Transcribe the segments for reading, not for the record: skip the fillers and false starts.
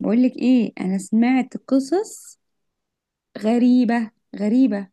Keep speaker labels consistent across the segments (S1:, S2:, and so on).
S1: بقولك ايه؟ انا سمعت قصص غريبة غريبة.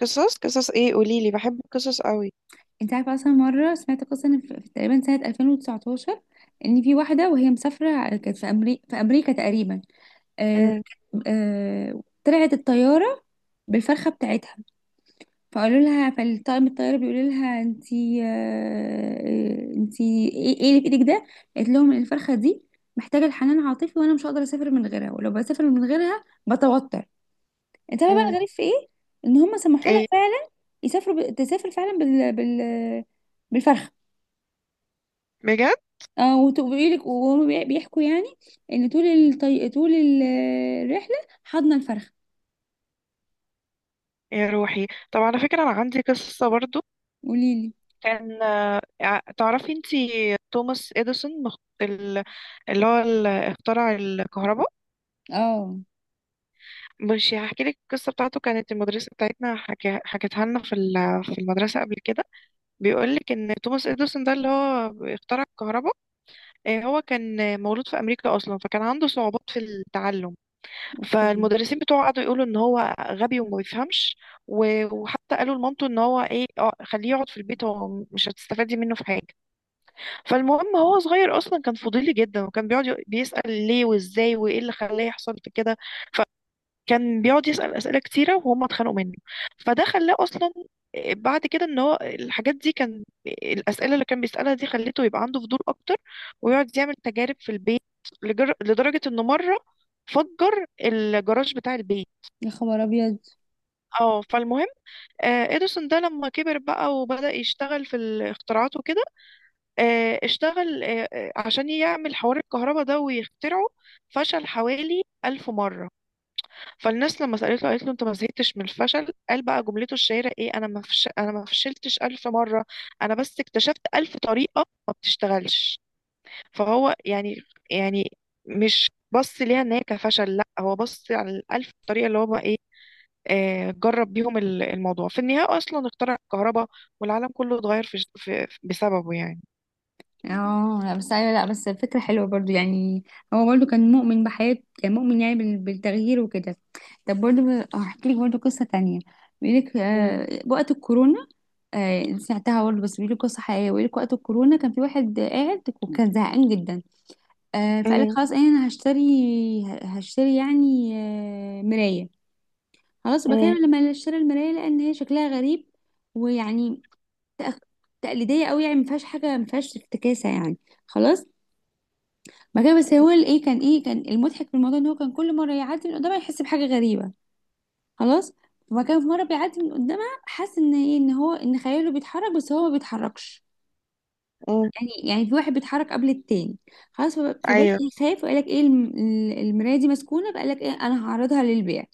S2: قصص قصص ايه؟ قوليلي، بحب القصص قوي.
S1: انت عارفة اصلا مرة سمعت قصة إن في تقريبا سنة 2019 ان في واحدة وهي مسافرة كانت في امريكا تقريبا. آه
S2: امم.
S1: طلعت الطيارة بالفرخة بتاعتها، فقالوا لها، فالطاقم الطيارة بيقول لها: انتي، انتي ايه اللي في ايدك ده؟ قالت لهم إن الفرخة دي محتاجة الحنان عاطفي، وانا مش هقدر اسافر من غيرها، ولو بسافر من غيرها بتوتر. انت عارفه بقى
S2: امم.
S1: الغريب في ايه؟ ان هم سمحوا لها
S2: ايه.
S1: فعلا تسافر فعلا بالفرخه.
S2: بجد.
S1: اه، وتقولي لك وهم بيحكوا يعني ان طول الطي... طول ال- الرحله حضنا الفرخه.
S2: يا روحي، طب على فكرة انا عندي قصة برضو.
S1: قولي لي.
S2: تعرفي انتي توماس اديسون ال- اللي هو اخترع الكهرباء.
S1: اه.
S2: مش هحكي لك القصة بتاعته. كانت المدرسة بتاعتنا حكتها لنا في المدرسة قبل كده. بيقول لك ان توماس اديسون ده اللي هو اخترع الكهرباء. هو كان مولود في امريكا اصلا، فكان عنده صعوبات في التعلم.
S1: اوكي.
S2: فالمدرسين بتوعه قعدوا يقولوا ان هو غبي وما بيفهمش. و- وحتى قالوا لمامته ان هو ايه، خليه يقعد في البيت، هو مش هتستفادي منه في حاجه. فالمهم هو صغير اصلا كان فضولي جدا، وكان بيقعد بيسأل ليه وازاي وايه اللي خلاه يحصل في كده. ف كان بيقعد يسأل أسئلة كتيرة وهم اتخانقوا منه. فده خلاه أصلا بعد كده ان هو الحاجات دي، كان الأسئلة اللي كان بيسألها دي خلته يبقى عنده فضول أكتر، ويقعد يعمل تجارب في البيت. لدرجة انه مرة فجر الجراج بتاع البيت.
S1: يا خبر ابيض!
S2: اه، فالمهم اديسون ده لما كبر بقى وبدأ يشتغل في الاختراعات وكده. اشتغل عشان يعمل حوار الكهرباء ده ويخترعه. فشل حوالي 1000 مرة. فالناس لما سألته قالت له: انت ما زهقتش من الفشل؟ قال بقى جملته الشهيرة ايه؟ انا ما فشلتش 1000 مرة، انا بس اكتشفت 1000 طريقة ما بتشتغلش. فهو، يعني مش بص ليها ان هي كفشل، لا هو بص على الألف طريقة اللي هو بقى ايه. جرب بيهم ال- الموضوع، في النهاية اصلا اخترع الكهرباء. والعالم كله اتغير بسببه يعني.
S1: اه، لا، بس ايوه، لا، بس الفكره حلوه برضو يعني. هو برضو كان مؤمن بحياته، كان مؤمن يعني بالتغيير وكده. طب برضو هحكي لك برضو قصه تانية. بيقول لك
S2: مم.
S1: وقت الكورونا. آه سمعتها برضه، بس بيقول لك قصه حقيقيه. بيقول لك وقت الكورونا كان في واحد قاعد وكان زهقان جدا. فقال لك:
S2: مم.
S1: خلاص انا هشتري. هشتري يعني مرايه. خلاص
S2: مم.
S1: بكلم لما اشتري المرايه لان هي شكلها غريب. ويعني تأخ- تقليديه قوي يعني ما فيهاش حاجه، ما فيهاش افتكاسه يعني. خلاص. ما كان بس هو الايه كان ايه، كان المضحك في الموضوع ان هو كان كل مره يعدي من قدامها يحس بحاجه غريبه. خلاص. وما كان في مره بيعدي من قدامها حاسس ان ايه، ان هو ان خياله بيتحرك بس هو ما بيتحركش.
S2: مم.
S1: يعني يعني في واحد بيتحرك قبل التاني. خلاص. فبدأ
S2: ايوه.
S1: يخاف وقال لك: ايه المراية دي مسكونة. فقال لك ايه: انا هعرضها للبيع.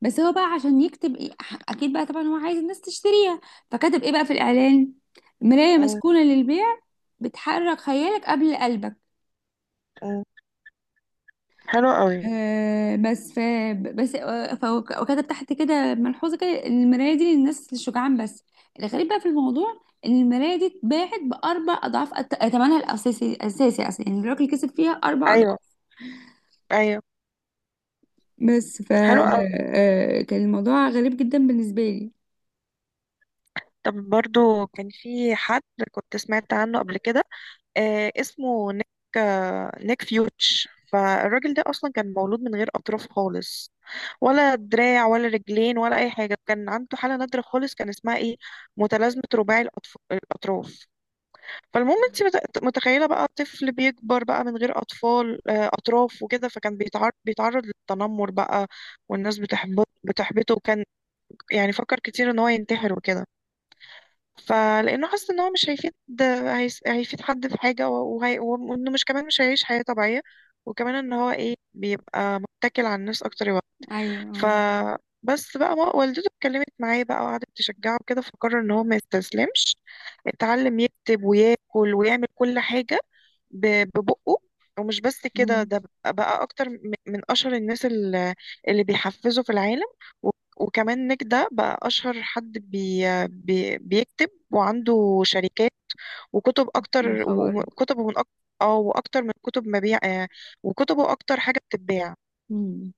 S1: بس هو بقى عشان يكتب إيه اكيد بقى طبعا هو عايز الناس تشتريها. فكتب ايه بقى في الاعلان: مراية
S2: مم.
S1: مسكونة للبيع، بتحرك خيالك قبل قلبك.
S2: مم. حلو قوي.
S1: آه بس ف بس فهو وكتب تحت كده ملحوظة كده إن المراية دي للناس الشجعان بس. الغريب بقى في الموضوع ان المرايه دي اتباعت باربع اضعاف ثمنها الاساسي، الاساسي اصلا يعني الراجل كسب فيها اربع.
S2: ايوه، ايوه.
S1: بس ف
S2: حلو.
S1: آه، كان الموضوع غريب جدا بالنسبة لي.
S2: طب، برضو كان في حد كنت سمعت عنه قبل كده، اسمه نيك. نيك فيوتش. فالراجل ده اصلا كان مولود من غير اطراف خالص، ولا دراع ولا رجلين ولا اي حاجه. كان عنده حاله نادره خالص، كان اسمها ايه؟ متلازمه رباعي الاطراف. فالمهم انت متخيله بقى طفل بيكبر بقى من غير اطفال آه اطراف وكده. فكان بيتعرض للتنمر بقى. والناس بتحبطه، وكان يعني فكر كتير ان هو ينتحر وكده. فلانه حاسس ان هو مش هيفيد، هيفيد حد في حاجه، و- وهي... وانه مش كمان مش هيعيش حياه طبيعيه، وكمان ان هو ايه بيبقى متكل على الناس اكتر يوقف. ف
S1: ايوه.
S2: بس بقى ما والدته اتكلمت معاه بقى وقعدت تشجعه كده، فقرر ان هو ما يستسلمش. اتعلم يكتب وياكل ويعمل كل حاجه. ب- ببقه ومش بس كده،
S1: امم.
S2: ده بقى اكتر من اشهر الناس اللي بيحفزوا في العالم. و- وكمان نيك ده بقى اشهر حد بي بي بيكتب وعنده شركات، وكتب
S1: من
S2: اكتر،
S1: خبر.
S2: وكتبه من اكتر. اه، واكتر من كتب مبيع، وكتبه اكتر حاجه بتتباع.
S1: امم.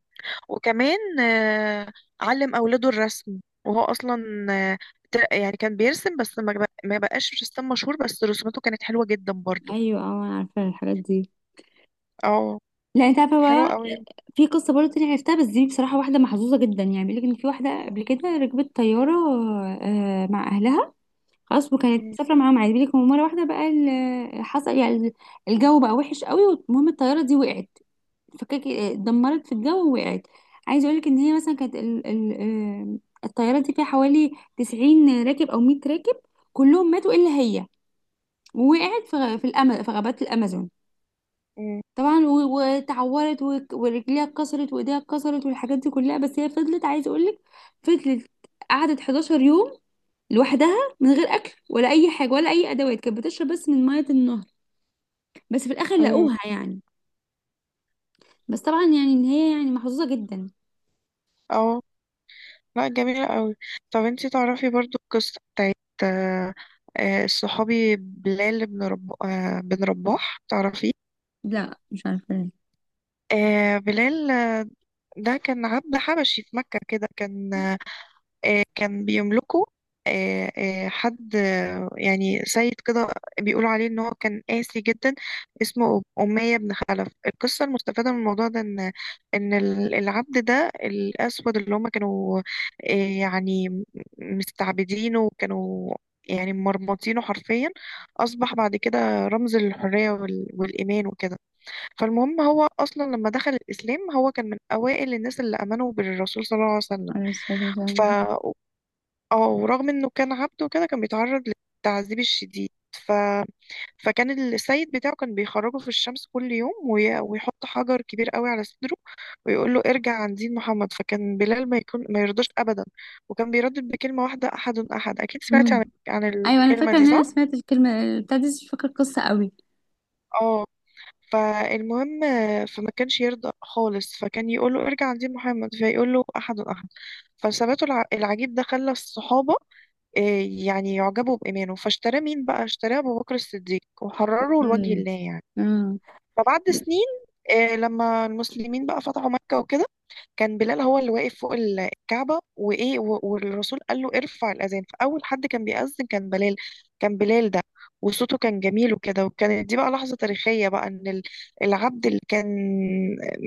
S2: وكمان علم اولاده الرسم. وهو اصلا آه، يعني كان بيرسم، بس ما بقاش رسام مشهور، بس رسوماته كانت حلوه جدا برضو.
S1: ايوه. اه، انا عارفه الحاجات دي.
S2: اه،
S1: لا، انت عارفه
S2: حلوه
S1: بقى
S2: قوي.
S1: في قصه برضه تانية عرفتها، بس دي بصراحه واحده محظوظه جدا يعني. بيقول لك ان في واحده قبل كده ركبت طياره مع اهلها. خلاص، وكانت
S2: مم.
S1: مسافره معاهم عادي. بيقول لك مره واحده بقى حصل يعني الجو بقى وحش قوي، والمهم الطياره دي وقعت، فكك اتدمرت في الجو ووقعت. عايزه اقولك ان هي مثلا كانت ال ال آه، الطياره دي فيها حوالي 90 راكب او 100 راكب، كلهم ماتوا الا هي. ووقعت في في غابات الامازون.
S2: مم.
S1: طبعا وتعورت ورجليها اتكسرت وايديها اتكسرت والحاجات دي كلها. بس هي فضلت عايزه اقولك، فضلت قعدت 11 يوم لوحدها من غير اكل ولا اي حاجه ولا اي ادوات. كانت بتشرب بس من ميه النهر. بس في الاخر
S2: مم.
S1: لقوها يعني. بس طبعا يعني ان هي يعني محظوظه جدا.
S2: اه، لا، جميلة قوي. طب انتي تعرفي برضو القصة بتاعت آه، الصحابي بلال بن رباح، تعرفيه؟
S1: لا مش عارفه.
S2: بلال ده كان عبد حبشي في مكة كده، كان كان بيملكه حد، يعني سيد كده. بيقولوا عليه ان هو كان قاسي جدا، اسمه أمية بن خلف. القصة المستفادة من الموضوع ده ان العبد ده الأسود اللي هم كانوا، آه، يعني مستعبدينه وكانوا يعني مرمطينه حرفيا، أصبح بعد كده رمز للحرية وال- والإيمان وكده. فالمهم هو أصلا لما دخل الإسلام، هو كان من أوائل الناس اللي آمنوا بالرسول صلى الله عليه وسلم.
S1: عليه الصلاة
S2: ف
S1: والسلام.
S2: اه ورغم انه كان عبد وكده كان بيتعرض للتعذيب الشديد. ف... فكان السيد بتاعه كان بيخرجه في الشمس كل يوم، وي... ويحط حجر كبير قوي على صدره، ويقول له: ارجع عن دين محمد. فكان بلال ما يرضاش ابدا، وكان بيردد بكلمة واحدة: احد، احد. اكيد سمعتي
S1: امم.
S2: عن
S1: أيوة، أنا
S2: الكلمة
S1: فاكرة
S2: دي،
S1: إن أنا
S2: صح؟
S1: سمعت الكلمة بتاعت دي بس مش فاكرة القصة قوي.
S2: اه فالمهم، فما كانش يرضى خالص، فكان يقول له: ارجع عن دين محمد، فيقول له: احد، احد. فثباته الع- العجيب ده خلى الصحابة يعني يعجبوا بإيمانه. فاشتراه مين بقى؟ اشتراه أبو بكر الصديق وحرره لوجه
S1: امم.
S2: الله يعني.
S1: آه.
S2: فبعد سنين، لما المسلمين بقى فتحوا مكة وكده، كان بلال هو اللي واقف فوق ال- الكعبة، وإيه و- والرسول قال له: ارفع الأذان. فأول حد كان بيأذن كان بلال. كان بلال ده وصوته كان جميل وكده، وكانت دي بقى لحظة تاريخية بقى، إن العبد اللي كان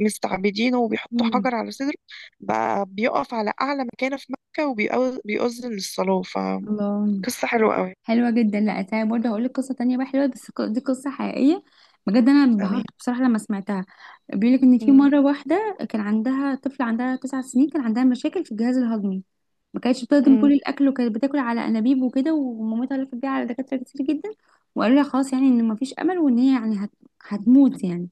S2: مستعبدينه وبيحطوا
S1: امم.
S2: حجر على صدره بقى بيقف على أعلى مكانة في مكة وبيأذن للصلاة.
S1: الله.
S2: قصة حلوة قوي.
S1: حلوة جدا. لا، أنا برضه هقول لك قصة تانية بقى حلوة، بس دي قصة حقيقية بجد، أنا
S2: تمام.
S1: انبهرت بصراحة لما سمعتها. بيقول لك إن في
S2: أمم.
S1: مرة واحدة كان عندها طفلة عندها تسع سنين، كان عندها مشاكل في الجهاز الهضمي. ما كانتش بتهضم
S2: أمم.
S1: كل الأكل، وكانت بتاكل على أنابيب وكده. ومامتها لفت بيها على دكاترة كتير جدا، وقالوا لها خلاص يعني إن مفيش أمل وإن هي يعني هتموت يعني.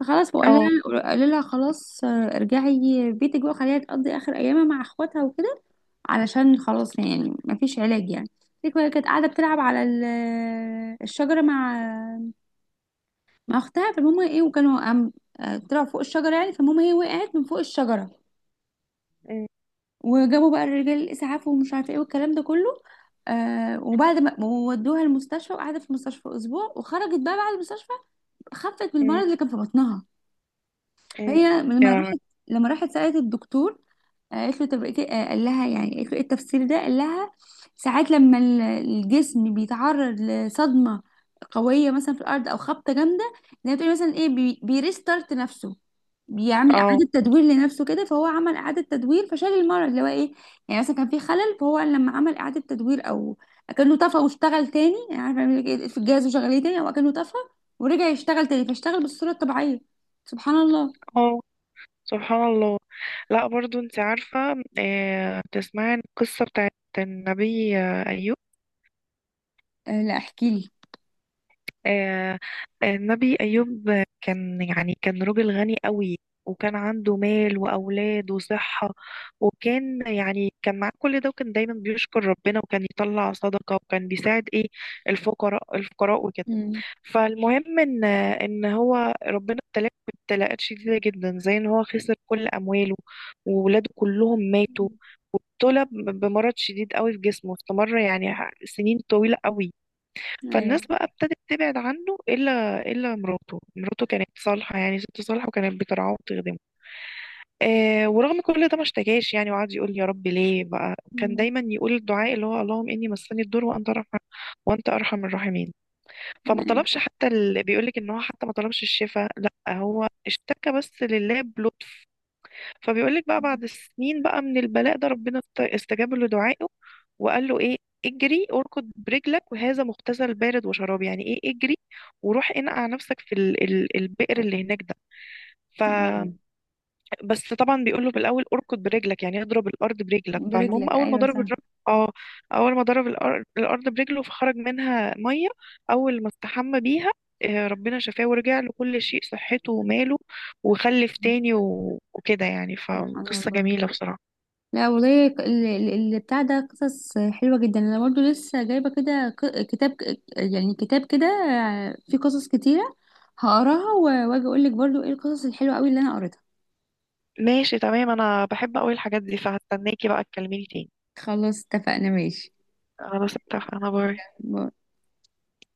S1: فخلاص بقول
S2: اه.
S1: لها، قال لها: خلاص ارجعي بيتك بقى، خليها تقضي اخر ايامها مع اخواتها وكده، علشان خلاص يعني مفيش علاج يعني. قالت لك هي كانت قاعده بتلعب على الشجره مع اختها. فالمهم ايه، وكانوا قام طلعوا فوق الشجره يعني. فالمهم هي وقعت من فوق الشجره،
S2: أمم.
S1: وجابوا بقى الرجال الاسعاف ومش عارفه ايه والكلام ده كله. آه، وبعد ما ودوها المستشفى وقعدت في المستشفى اسبوع وخرجت بقى بعد المستشفى، خفت من المرض
S2: أمم.
S1: اللي كان في بطنها.
S2: أمم.
S1: فهي
S2: يا لهوي.
S1: لما راحت سألت الدكتور، قالت له: طب إيه قال لها يعني، قالت له: ايه التفسير ده؟ قال لها: ساعات لما الجسم بيتعرض لصدمة قوية مثلا في الأرض أو خبطة جامدة، زي ما بتقولي مثلا ايه بيريستارت نفسه، بيعمل
S2: اه.
S1: إعادة تدوير لنفسه كده. فهو عمل إعادة تدوير فشال المرض اللي هو ايه. يعني مثلا كان في خلل، فهو لما عمل إعادة تدوير، أو أكنه طفى واشتغل تاني، يعني عارفة بيعمل إيه في الجهاز وشغليه تاني، أو أكنه طفى ورجع يشتغل تاني، فاشتغل بالصورة الطبيعية. سبحان الله.
S2: اه، سبحان الله. لا، برضو انت عارفة، تسمعي عن القصة بتاعت النبي أيوب؟
S1: أه، لا احكي لي.
S2: آه، النبي أيوب، كان، يعني، كان راجل غني قوي، وكان عنده مال وأولاد وصحة، وكان يعني كان معاه كل ده، وكان دايما بيشكر ربنا وكان يطلع صدقة وكان بيساعد ايه، الفقراء، الفقراء وكده.
S1: أمم.
S2: فالمهم ان هو ربنا ابتلاه ابتلاءات شديده جدا، زي ان هو خسر كل امواله، وولاده كلهم ماتوا، وابتلى ب- بمرض شديد قوي في جسمه، استمر يعني سنين طويله قوي. فالناس
S1: أيوه.
S2: بقى ابتدت تبعد عنه، الا مراته. كانت صالحه، يعني ست صالحه، وكانت بترعاه وتخدمه. ورغم كل ده ما اشتكاش يعني، وقعد يقول يا رب ليه بقى. كان
S1: مم.
S2: دايما يقول الدعاء اللي هو: اللهم اني مسني الضر وانت ارحم، وانت ارحم الراحمين. فما
S1: أيوة.
S2: طلبش حتى بيقولك ان هو حتى ما طلبش الشفاء، لا هو اشتكى بس لله بلطف. فبيقولك بقى بعد سنين بقى من البلاء ده، ربنا استجاب له دعائه، وقال له ايه: اجري اركض برجلك وهذا مغتسل بارد وشراب. يعني ايه اجري؟ وروح انقع نفسك في البئر اللي هناك ده.
S1: أيوة.
S2: بس طبعا بيقوله في الاول اركض برجلك، يعني اضرب الارض برجلك. فالمهم
S1: برجلك أيوة صح.
S2: اه اول ما ضرب الأر- الارض برجله، فخرج منها ميه. اول ما استحمى بيها، ربنا شفاه ورجع له كل شيء، صحته وماله، وخلف تاني و- وكده يعني.
S1: سبحان
S2: فقصة
S1: الله.
S2: جميلة بصراحة.
S1: لا والله، اللي بتاع ده قصص حلوة جدا. أنا برضو لسه جايبة كده كتاب، يعني كتاب كده فيه قصص كتيرة. هقراها وأجي أقولك برضو إيه القصص الحلوة أوي اللي أنا قريتها.
S2: ماشي، تمام. انا بحب قوي الحاجات دي، فهستناكي بقى تكلميني تاني.
S1: خلاص اتفقنا، ماشي.
S2: انا بس اتفق. انا باي.